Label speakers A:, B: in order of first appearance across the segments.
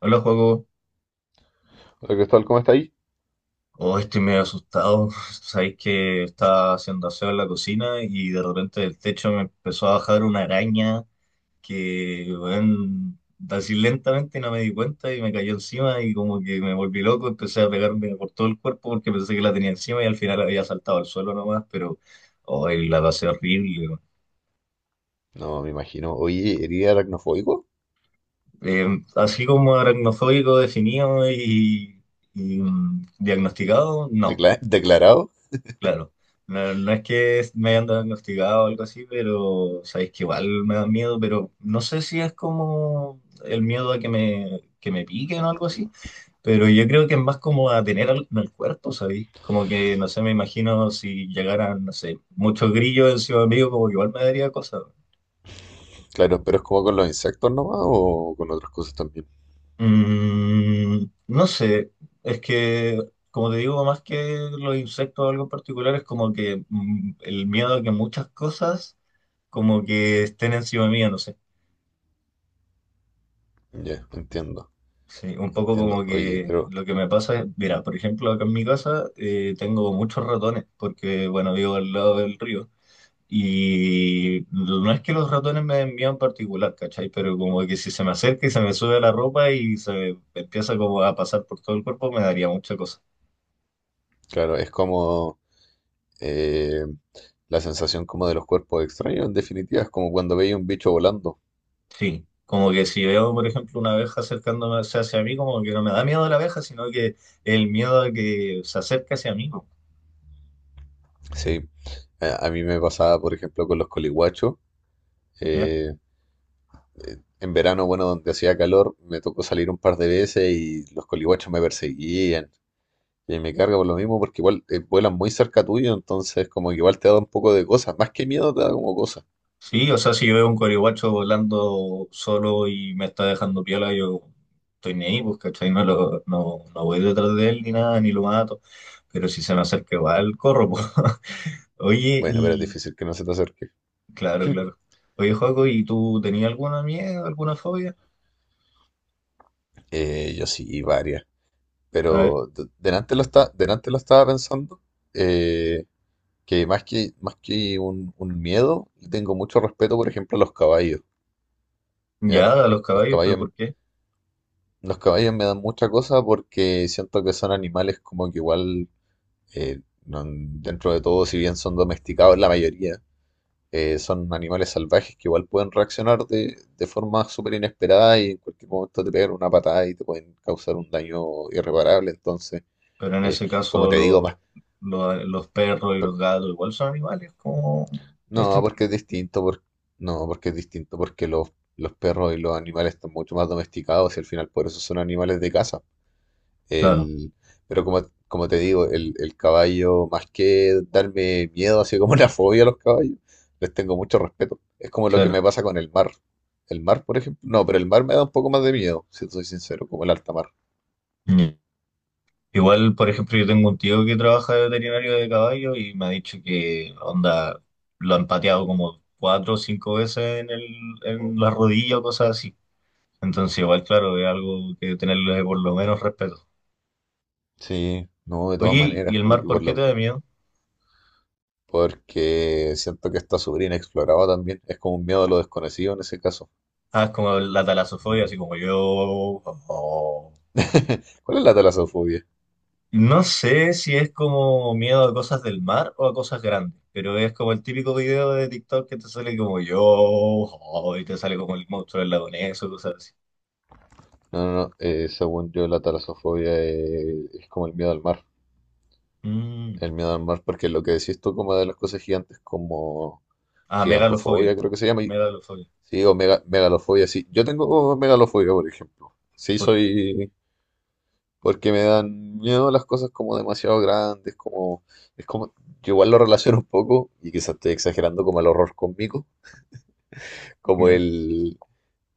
A: Hola, juego.
B: Hola Cristóbal, ¿cómo está ahí?
A: Oh, estoy medio asustado. Sabéis que estaba haciendo aseo en la cocina y de repente del techo me empezó a bajar una araña que, bueno, así lentamente no me di cuenta y me cayó encima y como que me volví loco. Empecé a pegarme por todo el cuerpo porque pensé que la tenía encima y al final había saltado al suelo nomás, pero hoy la pasé horrible.
B: No, me imagino. Oye, ¿eres aracnofóbico?
A: Así como aracnofóbico definido y, diagnosticado, no.
B: ¿Declarado?
A: Claro, no, no es que me hayan diagnosticado o algo así, pero sabéis que igual me da miedo, pero no sé si es como el miedo a que que me piquen o algo así, pero yo creo que es más como a tener algo en el cuerpo, ¿sabéis? Como que, no sé, me imagino si llegaran, no sé, muchos grillos encima mío, como que igual me daría cosas.
B: Claro, pero es como con los insectos nomás o con otras cosas también.
A: Mm, no sé, es que, como te digo, más que los insectos o algo en particular, es como que el miedo a que muchas cosas como que estén encima mía, no sé.
B: Ya,
A: Sí, un poco
B: entiendo.
A: como
B: Oye,
A: que
B: pero
A: lo que me pasa es, mira, por ejemplo, acá en mi casa tengo muchos ratones, porque, bueno, vivo al lado del río. Y no es que los ratones me den miedo en particular, ¿cachai? Pero como que si se me acerca y se me sube a la ropa y se me empieza como a pasar por todo el cuerpo, me daría mucha cosa.
B: claro, es como eh, la sensación como de los cuerpos extraños, en definitiva, es como cuando veía un bicho volando.
A: Sí, como que si veo, por ejemplo, una abeja acercándose hacia mí, como que no me da miedo la abeja, sino que el miedo de que se acerque hacia mí, ¿no?
B: Sí, a mí me pasaba, por ejemplo, con los coliguachos.
A: ¿Ya?
B: eh, en verano, bueno, donde hacía calor, me tocó salir un par de veces y los coliguachos me perseguían. Y me carga por lo mismo porque igual vuelan muy cerca tuyo, entonces como que igual te da un poco de cosas. Más que miedo te da como cosas.
A: Sí, o sea, si yo veo un corihuacho volando solo y me está dejando piola, yo estoy ni ahí, pues, ¿cachai? No, no, no voy detrás de él ni nada, ni lo mato. Pero si se me acerca igual, corro, pues. Oye,
B: Bueno, pero es
A: y
B: difícil que no se te acerque.
A: claro, claro. Oye, Joaco, ¿y tú tenías alguna miedo, alguna fobia?
B: Yo sí, y varias.
A: A ver,
B: Pero delante lo delante lo estaba pensando. eh, que más que un miedo, le tengo mucho respeto, por ejemplo, a los caballos. ¿Ya?
A: ya, a los
B: Los
A: caballos, pero
B: caballos,
A: ¿por qué?
B: los caballos me dan mucha cosa porque siento que son animales como que igual, eh, dentro de todo, si bien son domesticados, la mayoría son animales salvajes que igual pueden reaccionar de forma súper inesperada y en cualquier momento te pegan una patada y te pueden causar un daño irreparable. Entonces,
A: Pero en
B: eh,
A: ese
B: como
A: caso
B: te digo,
A: los perros y
B: por-
A: los gatos igual son animales como...
B: no,
A: instintivos.
B: porque es distinto, no, porque es distinto, porque los perros y los animales están mucho más domesticados y al final por eso son animales de casa.
A: Claro,
B: El, pero como te digo, el caballo, más que darme miedo, así como una fobia a los caballos, les tengo mucho respeto. Es como lo que
A: claro.
B: me pasa con el mar. El mar, por ejemplo. No, pero el mar me da un poco más de miedo, si soy sincero, como el alta mar.
A: Igual, por ejemplo, yo tengo un tío que trabaja de veterinario de caballo y me ha dicho que, onda, lo han pateado como cuatro o cinco veces en en la rodilla o cosas así. Entonces, igual, claro, es algo que tenerle por lo menos respeto.
B: Sí, no, de todas
A: Oye,
B: maneras,
A: ¿y el
B: y
A: mar por
B: por
A: qué te
B: lo,
A: da miedo?
B: porque siento que está sobrina inexplorado también. Es como un miedo a lo desconocido en ese caso.
A: Ah, es como la talasofobia,
B: Ujú.
A: así como yo... oh.
B: ¿Cuál es la talasofobia?
A: No sé si es como miedo a cosas del mar o a cosas grandes, pero es como el típico video de TikTok que te sale como yo, oh, y te sale como el monstruo del lago Ness o cosas así.
B: No, no, no, según yo la talasofobia es como el miedo al mar.
A: Mm.
B: El miedo al mar, porque lo que decís tú como de las cosas gigantes, como
A: Ah, megalofobia,
B: gigantofobia, creo que se llama.
A: megalofobia.
B: Sí, o megalofobia, sí. Yo tengo megalofobia, por ejemplo. Sí,
A: ¿Por qué?
B: soy... Porque me dan miedo las cosas como demasiado grandes, como... Es como... Yo igual lo relaciono un poco, y quizás estoy exagerando como el horror cómico, como...
A: Ya,
B: El,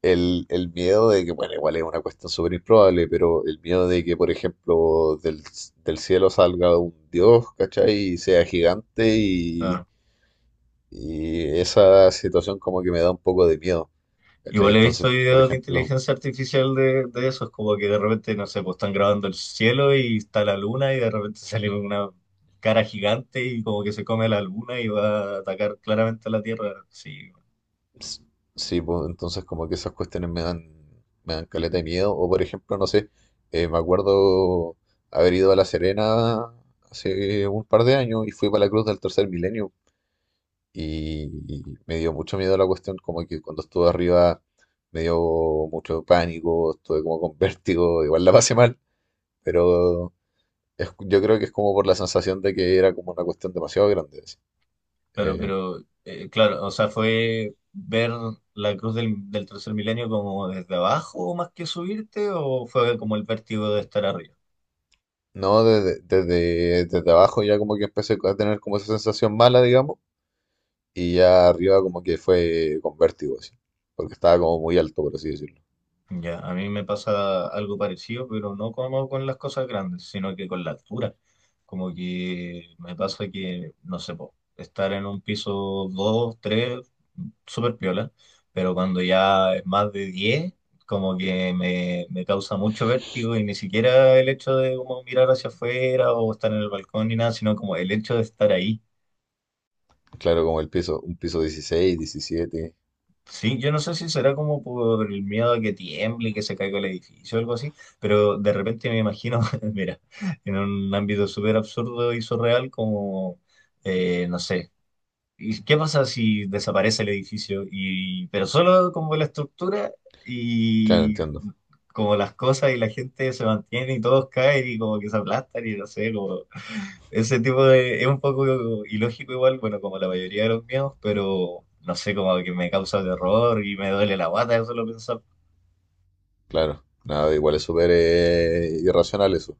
B: El miedo de que, bueno, igual es una cuestión súper improbable, pero el miedo de que, por ejemplo, del cielo salga un dios, ¿cachai? Y sea gigante y...
A: claro.
B: Y esa situación como que me da un poco de miedo, ¿cachai?
A: Igual he
B: Entonces,
A: visto
B: por
A: videos de
B: ejemplo,
A: inteligencia artificial de esos, como que de repente, no sé, pues están grabando el cielo y está la luna y de repente sale una cara gigante y como que se come la luna y va a atacar claramente a la Tierra. Sí.
B: s- sí, pues, entonces como que esas cuestiones me me dan caleta de miedo. O por ejemplo, no sé, me acuerdo haber ido a La Serena hace un par de años y fui para la Cruz del Tercer Milenio. Y me dio mucho miedo la cuestión, como que cuando estuve arriba me dio mucho pánico, estuve como con vértigo, igual la pasé mal, pero... Yo creo que es como por la sensación de que era como una cuestión demasiado grande, así.
A: Claro,
B: Eh,
A: pero claro, o sea, fue ver la cruz del tercer milenio como desde abajo más que subirte, o fue como el vértigo de estar arriba.
B: no, desde abajo ya como que empecé a tener como esa sensación mala, digamos, y ya arriba como que fue con vértigo, así, porque estaba como muy alto, por así decirlo.
A: Ya, a mí me pasa algo parecido, pero no como con las cosas grandes, sino que con la altura. Como que me pasa que, no sé, po, estar en un piso 2, 3, súper piola, pero cuando ya es más de 10, como que me causa mucho vértigo y ni siquiera el hecho de como mirar hacia afuera o estar en el balcón ni nada, sino como el hecho de estar ahí.
B: Claro, como el piso, un piso dieciséis diecisiete.
A: Sí, yo no sé si será como por el miedo a que tiemble, y que se caiga el edificio o algo así, pero de repente me imagino, mira, en un ámbito súper absurdo y surreal como, no sé, ¿y qué pasa si desaparece el edificio? Y, pero solo como la estructura
B: Claro,
A: y
B: entiendo,
A: como las cosas y la gente se mantiene y todos caen y como que se aplastan y no sé, como ese tipo de... Es un poco ilógico igual, bueno, como la mayoría de los miedos, pero no sé, como que me causa terror y me duele la guata de solo pensar.
B: claro. Nada, igual es súper irracional eso.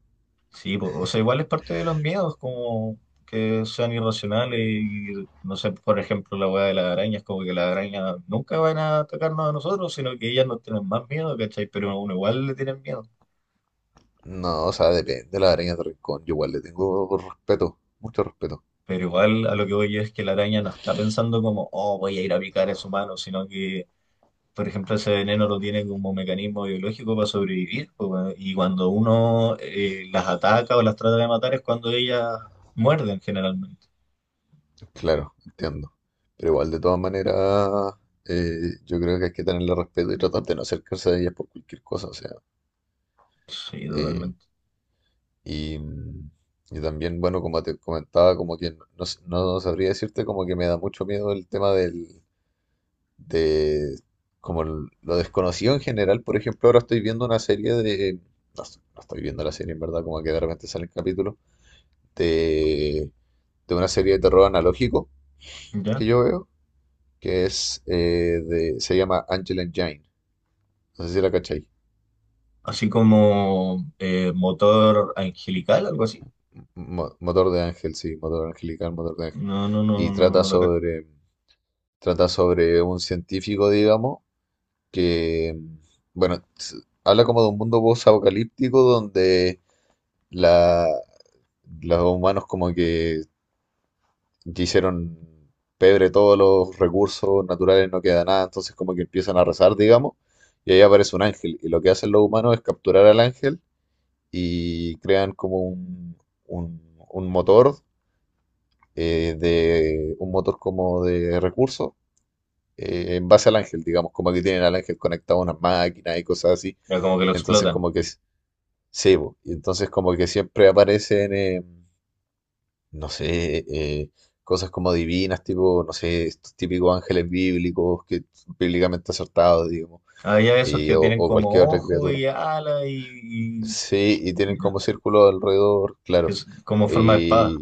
A: Sí, po, o sea, igual es parte de los miedos, como que sean irracionales y, no sé, por ejemplo, la weá de las arañas, como que las arañas nunca van a atacarnos a nosotros, sino que ellas nos tienen más miedo, ¿cachai? Pero a uno igual le tienen miedo.
B: No, o sea, depende de la araña de rincón, yo igual le tengo respeto, mucho respeto.
A: Pero igual a lo que voy yo es que la araña no está pensando como, oh, voy a ir a picar a su mano, sino que por ejemplo, ese veneno lo tiene como un mecanismo biológico para sobrevivir, pues, bueno, y cuando uno las ataca o las trata de matar es cuando ellas muerden generalmente.
B: Claro, entiendo. Pero igual, de todas maneras, yo creo que hay que tenerle respeto y tratar de no acercarse a ellas por cualquier cosa, o sea.
A: Sí,
B: eh,
A: totalmente.
B: y, mm, y también, bueno, como te comentaba, como que no, no sabría decirte, como que me da mucho miedo el tema de, como lo desconocido en general. Por ejemplo, ahora estoy viendo una serie de, no, no estoy viendo la serie en verdad, como que de repente salen capítulos de, de una serie de terror analógico que
A: ¿Ya?
B: yo veo, que es se llama Angel Engine. No sé si la cachai.
A: Así como motor angelical, algo así.
B: Motor de ángel, sí, motor angelical, motor de ángel.
A: No, no,
B: Y
A: no, no,
B: trata
A: no lo...
B: trata sobre un científico, digamos, que, bueno, habla como de un mundo post-apocalíptico donde la, los humanos como que hicieron pebre todos los recursos naturales, no queda nada, entonces como que empiezan a rezar, digamos, y ahí aparece un ángel. Y lo que hacen los humanos es capturar al ángel y crean como un- un motor, un motor como de recursos en base al ángel, digamos, como que tienen al ángel conectado a unas máquinas y cosas así.
A: Pero como que lo
B: Entonces
A: explotan.
B: como que sí, po, y entonces como que siempre aparecen, no sé, cosas como divinas, tipo, no sé, estos típicos ángeles bíblicos, que bíblicamente acertados, digamos,
A: Hay esos que tienen
B: o cualquier
A: como
B: otra
A: ojo
B: criatura.
A: y ala y,
B: Sí, y tienen
A: ya,
B: como círculo alrededor,
A: que
B: claro.
A: es como forma de espada.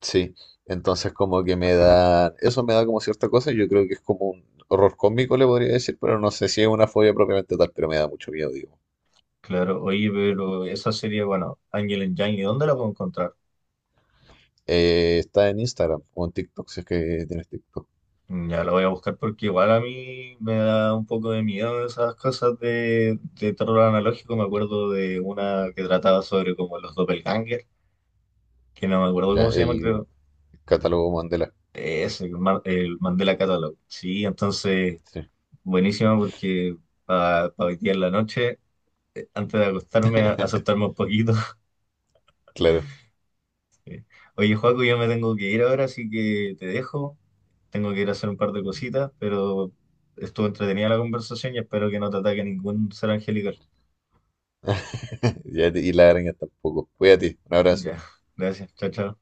B: Sí, entonces como que me da, eso me da como cierta cosa, yo creo que es como un horror cósmico, le podría decir, pero no sé si es una fobia propiamente tal, pero me da mucho miedo, digo.
A: Claro, oye, pero esa serie, bueno, Angel and Yang, ¿y dónde la puedo encontrar?
B: Está en Instagram o en TikTok, si es que tienes TikTok.
A: Ya lo voy a buscar porque igual a mí me da un poco de miedo esas cosas de terror analógico. Me acuerdo de una que trataba sobre como los doppelganger, que no me acuerdo
B: Ya,
A: cómo se llama,
B: el
A: creo.
B: catálogo Mandela.
A: Ese el, el Mandela Catalog. Sí, entonces
B: Sí,
A: buenísimo porque para hoy día en la noche, antes de acostarme, asustarme un poquito.
B: claro.
A: Oye, Joaco, yo me tengo que ir ahora, así que te dejo. Tengo que ir a hacer un par de cositas, pero estuvo entretenida la conversación y espero que no te ataque ningún ser angelical.
B: Ya, y la araña tampoco. Cuídate, un
A: Ya,
B: abrazo.
A: gracias. Chao, chao.